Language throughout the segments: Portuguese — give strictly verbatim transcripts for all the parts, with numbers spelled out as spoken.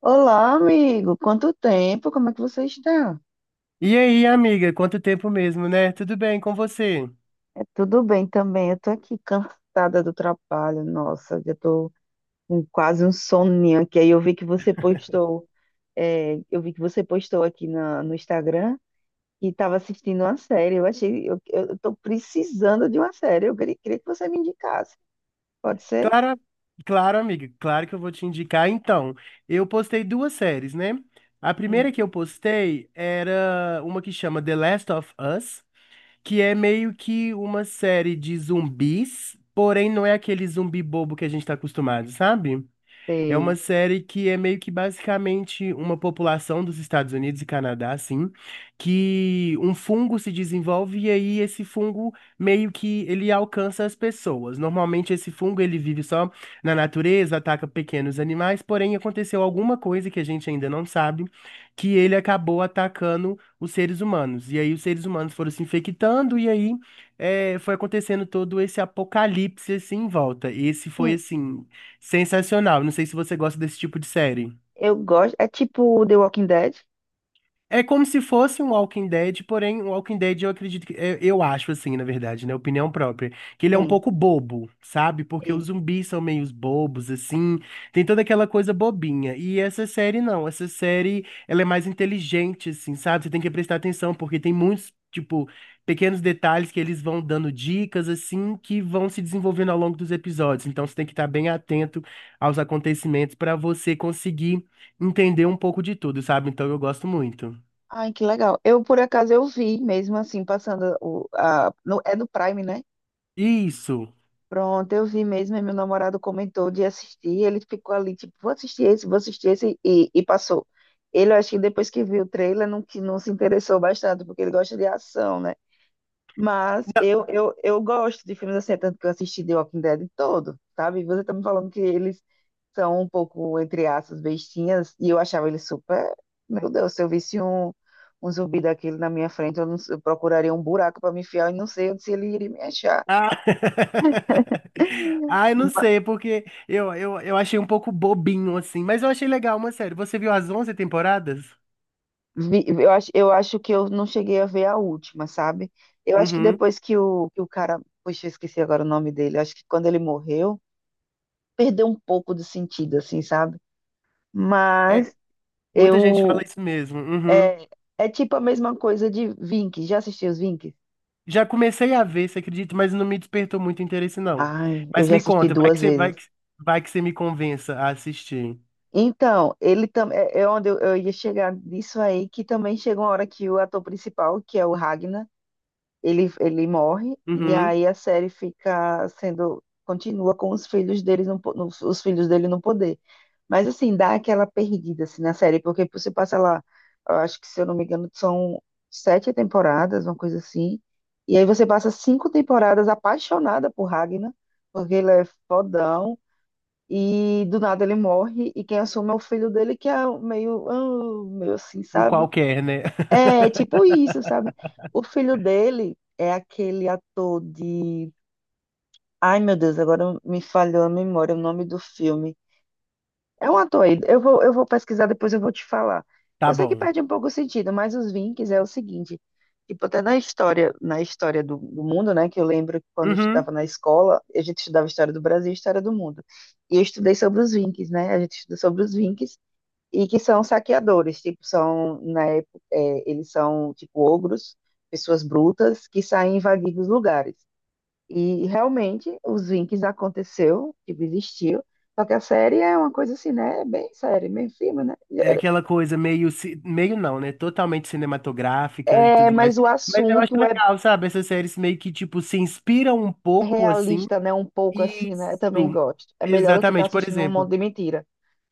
Olá, amigo. Quanto tempo? Como é que você está? E aí, amiga, quanto tempo mesmo, né? Tudo bem com você? É tudo bem também. Eu tô aqui cansada do trabalho. Nossa, eu tô com quase um soninho aqui. Aí eu vi que você postou, é, eu vi que você postou aqui na- no Instagram e estava assistindo uma série. Eu achei, eu, eu tô precisando de uma série. Eu queria, queria que você me indicasse. Pode ser? Claro, claro, amiga, claro que eu vou te indicar. Então, eu postei duas séries, né? A Hum, primeira que eu postei era uma que chama The Last of Us, que é meio que uma série de zumbis, porém não é aquele zumbi bobo que a gente tá acostumado, sabe? É uma sei. série que é meio que basicamente uma população dos Estados Unidos e Canadá, assim, que um fungo se desenvolve e aí esse fungo meio que ele alcança as pessoas. Normalmente esse fungo ele vive só na natureza, ataca pequenos animais, porém aconteceu alguma coisa que a gente ainda não sabe, que ele acabou atacando os seres humanos. E aí os seres humanos foram se infectando e aí eh, foi acontecendo todo esse apocalipse assim em volta. E esse foi Sim, assim sensacional. Não sei se você gosta desse tipo de série. eu gosto. É tipo The Walking Dead? É como se fosse um Walking Dead, porém, um Walking Dead eu acredito que. Eu, eu acho assim, na verdade, né? Opinião própria. Que ele é um Sim. pouco bobo, sabe? Porque os zumbis são meio bobos, assim. Tem toda aquela coisa bobinha. E essa série não. Essa série, ela é mais inteligente, assim, sabe? Você tem que prestar atenção, porque tem muitos, tipo, pequenos detalhes que eles vão dando dicas, assim, que vão se desenvolvendo ao longo dos episódios. Então você tem que estar bem atento aos acontecimentos para você conseguir entender um pouco de tudo, sabe? Então eu gosto muito. Ai, que legal. Eu, por acaso, eu vi mesmo assim, passando o, a, no- é no Prime, né? Isso. Pronto, eu vi mesmo, e meu namorado comentou de assistir, ele ficou ali, tipo, vou assistir esse, vou assistir esse, e, e passou. Ele, eu acho que depois que viu o trailer, não, que não se interessou bastante, porque ele gosta de ação, né? Mas Não. eu, eu, eu gosto de filmes assim, é tanto que eu assisti The Walking Dead todo, sabe? Você tá me falando que eles são um pouco, entre aspas, bestinhas, e eu achava eles super. Meu Deus, se eu visse um, um zumbi daquele na minha frente, eu, não, eu procuraria um buraco para me enfiar e não sei onde se ele iria me achar. Ah, ah, eu não sei, porque eu, eu, eu achei um pouco bobinho, assim, mas eu achei legal uma série. Você viu as onze temporadas? Vi- eu acho, eu acho que eu não cheguei a ver a última, sabe? Eu acho que Uhum. depois que o, que o cara. Poxa, eu esqueci agora o nome dele. Eu acho que quando ele morreu, perdeu um pouco de sentido, assim, sabe? É, Mas. muita gente fala Eu. isso mesmo. Uhum. É, é tipo a mesma coisa de Vinx. Já assisti os Vinx? Já comecei a ver, você acredita, mas não me despertou muito interesse, não. Ai, eu Mas já me assisti conta, vai que duas você, vai vezes. que, vai que você me convença a assistir. Então, ele também. É é onde eu, eu ia chegar nisso aí, que também chega uma hora que o ator principal, que é o Ragnar. ele, ele morre e Uhum. aí a série fica sendo continua com os filhos dele no, po- no- os filhos dele no poder. Mas assim, dá aquela perdida assim na série, porque você passa lá, eu acho que se eu não me engano, são sete temporadas, uma coisa assim. E aí você passa cinco temporadas apaixonada por Ragnar, porque ele é fodão. E do nada ele morre, e quem assume é o filho dele, que é meio, ah, meio assim, Um sabe? qualquer, né? É, tipo isso, sabe? O filho dele é aquele ator de. Ai, meu Deus, agora me falhou a memória, o nome do filme. É um ator aí. Eu vou, eu vou pesquisar, depois eu vou te falar. Tá Eu sei que bom. perde um pouco o sentido, mas os Vinks é o seguinte. Tipo, até na história, na história do, do mundo, né? Que eu lembro que quando eu estudava Uhum. na escola, a gente estudava história do Brasil e história do mundo. E eu estudei sobre os Vinks, né? A gente estuda sobre os Vinks e que são saqueadores, tipo, são, na época, é, eles são, tipo, ogros, pessoas brutas que saem invadindo os lugares. E, realmente, os Vikings aconteceu, tipo, existiu, só que a série é uma coisa assim, né, bem séria, bem firme, né? É aquela coisa meio, ci- meio não, né? Totalmente cinematográfica e É, tudo mais. mas o Mas eu acho assunto é legal, sabe? Essas séries meio que, tipo, se inspiram um pouco, assim. realista, né, um pouco assim, né, eu Isso. também gosto. É melhor do que estar Exatamente. Por assistindo um exemplo, monte de mentira.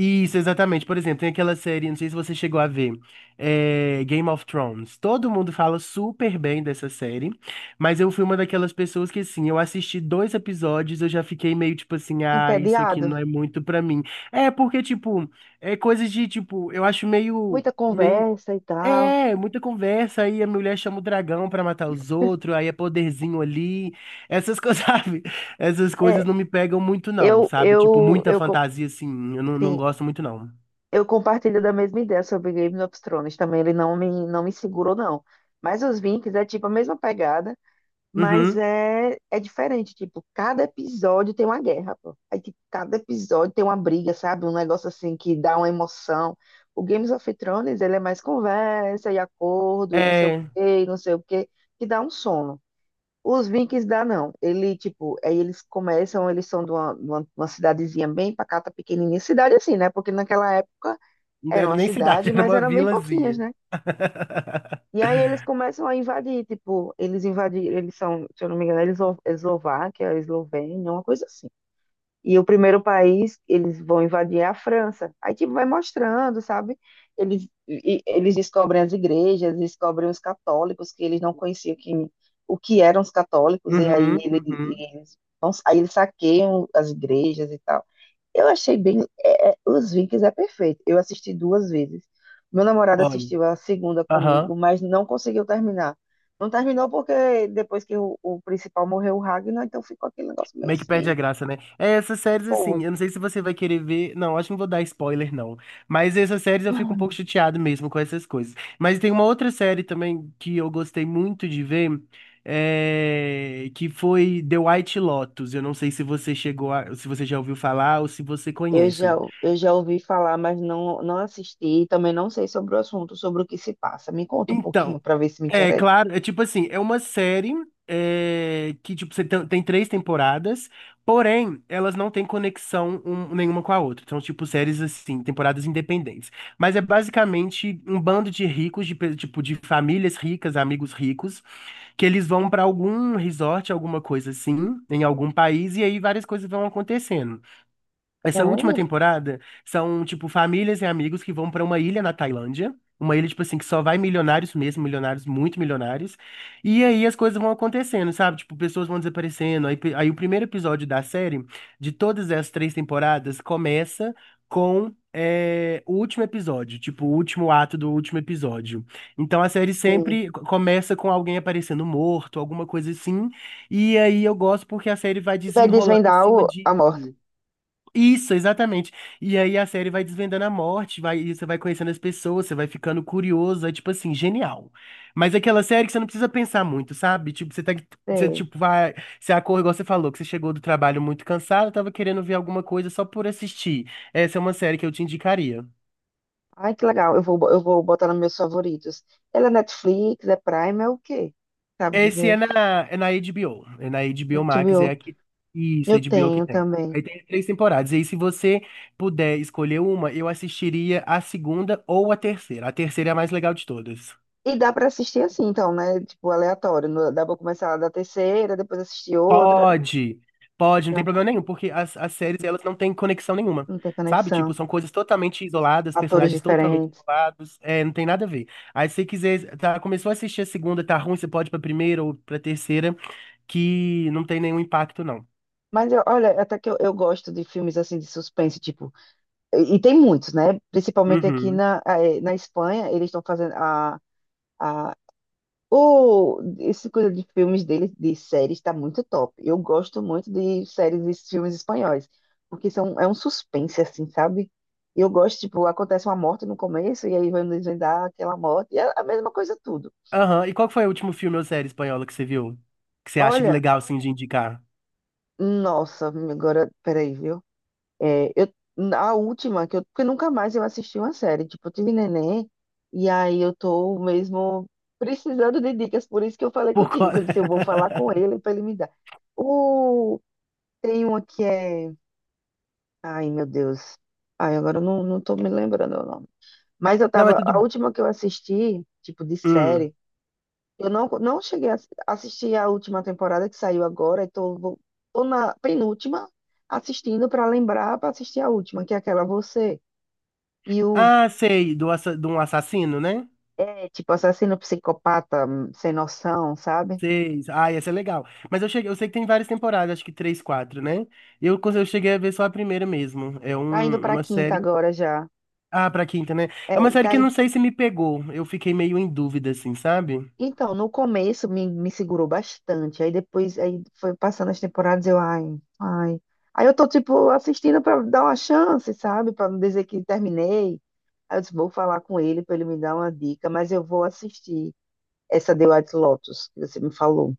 isso, exatamente. Por exemplo, tem aquela série, não sei se você chegou a ver, é, Game of Thrones. Todo mundo fala super bem dessa série, mas eu fui uma daquelas pessoas que, assim, eu assisti dois episódios, eu já fiquei meio tipo assim, ah, isso aqui Entediado, não é muito pra mim. É porque, tipo, é coisas de, tipo, eu acho meio. muita Meio conversa e tal. é, muita conversa, aí a mulher chama o dragão pra matar os outros, aí é poderzinho ali. Essas coisas, sabe? Essas coisas É, não me pegam muito, não, eu, sabe? Tipo, eu, muita eu, co- fantasia, assim, eu não, não sim, gosto muito, não. eu compartilho da mesma ideia sobre Game of Thrones. Também ele não me, não me segurou, não. Mas os Vikings é tipo a mesma pegada, mas Uhum. é, é diferente. Tipo, cada episódio tem uma guerra, pô. Aí, tipo, cada episódio tem uma briga, sabe? Um negócio assim que dá uma emoção. O Games of Thrones, ele é mais conversa e acordo e não sei o É, quê, e não sei o quê, que dá um sono. Os Vikings dá não. Ele, tipo, aí eles começam, eles são de uma, de uma, de uma cidadezinha bem pacata, pequenininha. Cidade assim, né? Porque naquela época não era era uma nem cidade, cidade, era mas uma eram bem pouquinhas, vilazinha. né? E aí eles começam a invadir, tipo, eles invadiram, eles são, se eu não me engano, eles Eslováquia, é Eslovênia, uma coisa assim. E o primeiro país eles vão invadir é a França. Aí, tipo, vai mostrando, sabe? Eles, e- eles descobrem as igrejas, descobrem os católicos, que eles não conheciam que, o que eram os católicos, e aí Uhum, ele- e uhum. eles, vão- aí eles saqueiam as igrejas e tal. Eu achei bem. é, é, os Vikings é perfeito. Eu assisti duas vezes. Meu namorado Olha. assistiu a segunda Aham. comigo, mas não conseguiu terminar. Não terminou porque depois que o, o principal morreu, o Ragnar, então ficou aquele negócio meio Meio que perde assim. a graça, né? É, essas séries, assim, Pô, eu não sei se você vai querer ver. Não, acho que não vou dar spoiler, não. Mas essas séries eu fico um pouco chateado mesmo com essas coisas. Mas tem uma outra série também que eu gostei muito de ver, é, que foi The White Lotus. Eu não sei se você chegou a... se você já ouviu falar ou se você eu já, conhece. eu já ouvi falar, mas não, não assisti. E também não sei sobre o assunto, sobre o que se passa. Me conta um pouquinho Então. para ver se me É, interessa. claro, é tipo assim, é uma série é, que tipo, você tem, tem três temporadas, porém, elas não têm conexão um- nenhuma com a outra. São tipo séries assim, temporadas independentes. Mas é basicamente um bando de ricos, de, pe- tipo, de famílias ricas, amigos ricos, que eles vão pra algum resort, alguma coisa assim, em algum país, e aí várias coisas vão acontecendo. Essa última Sério? temporada são, tipo, famílias e amigos que vão pra uma ilha na Tailândia. Uma ilha, tipo assim, que só vai milionários mesmo, milionários, muito milionários. E aí as coisas vão acontecendo, sabe? Tipo, pessoas vão desaparecendo. Aí, pe- aí o primeiro episódio da série, de todas as três temporadas, começa com é, o último episódio, tipo, o último ato do último episódio. Então a série Sim. sempre co- começa com alguém aparecendo morto, alguma coisa assim. E aí eu gosto porque a série vai E vai desenrolando em desvendar cima o- a morte. disso. Isso, exatamente. E aí a série vai desvendando a morte, vai, e você vai conhecendo as pessoas, você vai ficando curioso, é tipo assim, genial. Mas é aquela série que você não precisa pensar muito, sabe? Tipo, você tá, você Sei. tipo vai, você acorda, igual você falou, que você chegou do trabalho muito cansado, tava querendo ver alguma coisa só por assistir. Essa é uma série que eu te indicaria. Ai, que legal. Eu vou, bo- eu vou botar nos meus favoritos. Ela é Netflix, é Prime, é o quê? Sabe Esse é dizer? na, é na H B O. É na Na H B O Max, é H B O. aqui. Isso, Eu H B O que tenho tem. também. Aí tem três temporadas. E aí, se você puder escolher uma, eu assistiria a segunda ou a terceira. A terceira é a mais legal de todas. E dá pra assistir assim, então, né? Tipo, aleatório. No- Dá pra começar da terceira, depois assistir outra. Pode, pode, não tem Tranquilo, problema nenhum, porque as, as séries elas não têm conexão nenhuma, não tem sabe? Tipo, conexão. são coisas totalmente isoladas, Atores personagens totalmente diferentes. isolados, é, não tem nada a ver. Aí se você quiser, tá, começou a assistir a segunda, tá ruim, você pode ir pra primeira ou pra terceira, que não tem nenhum impacto, não. Mas eu- olha, até que eu, eu gosto de filmes assim de suspense, tipo. E, e tem muitos, né? Principalmente aqui Uhum. na, eh, na Espanha, eles estão fazendo a a. O, esse coisa de filmes dele, de séries, está muito top. Eu gosto muito de séries e filmes espanhóis, porque são, é um suspense, assim, sabe? Eu gosto, tipo, acontece uma morte no começo e aí vai desvendar aquela morte, e é a mesma coisa tudo. Aham. E qual que foi o último filme ou série espanhola que você viu? Que você acha que Olha, legal, assim, de indicar? nossa, agora, peraí, viu? É, eu, a última, que eu, porque nunca mais eu assisti uma série, tipo, eu tive neném, e aí eu tô mesmo precisando de dicas, por isso que eu falei Por contigo, co... que eu disse, eu vou falar com ele para ele me dar. O tem uma que é. Ai, meu Deus. Ai, agora eu não, não tô me lembrando o nome. Mas eu Não, mas tava. tudo... A última que eu assisti, tipo, de Hum. série, eu não, não cheguei a assi- assistir a última temporada que saiu agora, e tô, vou- tô na penúltima assistindo pra lembrar pra assistir a última, que é aquela Você e o. Ah, sei, do, assa... de um assassino, né? É, tipo, assassino psicopata, hum, sem noção, sabe? Sei. Ah, essa é legal. Mas eu cheguei... eu sei que tem várias temporadas, acho que três, quatro, né? Eu, cons- eu cheguei a ver só a primeira mesmo. É Tá indo um... pra uma quinta série. agora já. Ah, pra quinta, né? É É, uma série tá, que eu não sei se me pegou. Eu fiquei meio em dúvida, assim, sabe? então, no começo me, me segurou bastante. Aí depois, aí foi passando as temporadas, eu, ai, ai. Aí eu tô, tipo, assistindo pra dar uma chance, sabe? Pra não dizer que terminei. Aí eu disse, vou falar com ele pra ele me dar uma dica, mas eu vou assistir essa The White Lotus que você me falou.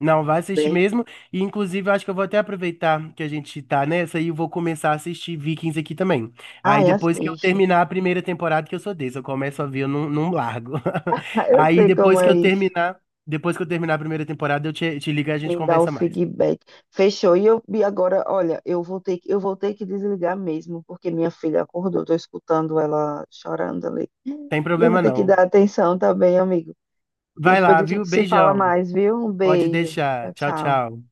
Não, vai assistir Bem, mesmo. E, inclusive, eu acho que eu vou até aproveitar que a gente tá nessa e eu vou começar a assistir Vikings aqui também. Aí, ai, depois que eu assiste. terminar a primeira temporada, que eu sou desse, eu começo a ver, eu não, não largo. Ai, eu Aí, sei como depois que é eu isso. terminar, depois que eu terminar a primeira temporada, eu te, te ligo e a gente Me dá o conversa mais. feedback. Fechou. E eu e agora, olha, eu vou ter que, eu vou ter que desligar mesmo, porque minha filha acordou. Tô escutando ela chorando ali. Tem E eu vou problema ter que não. dar atenção também, amigo. Vai Depois lá, a viu? gente se fala Beijão. mais, viu? Um Pode beijo. deixar. Tchau, Tchau, tchau. tchau.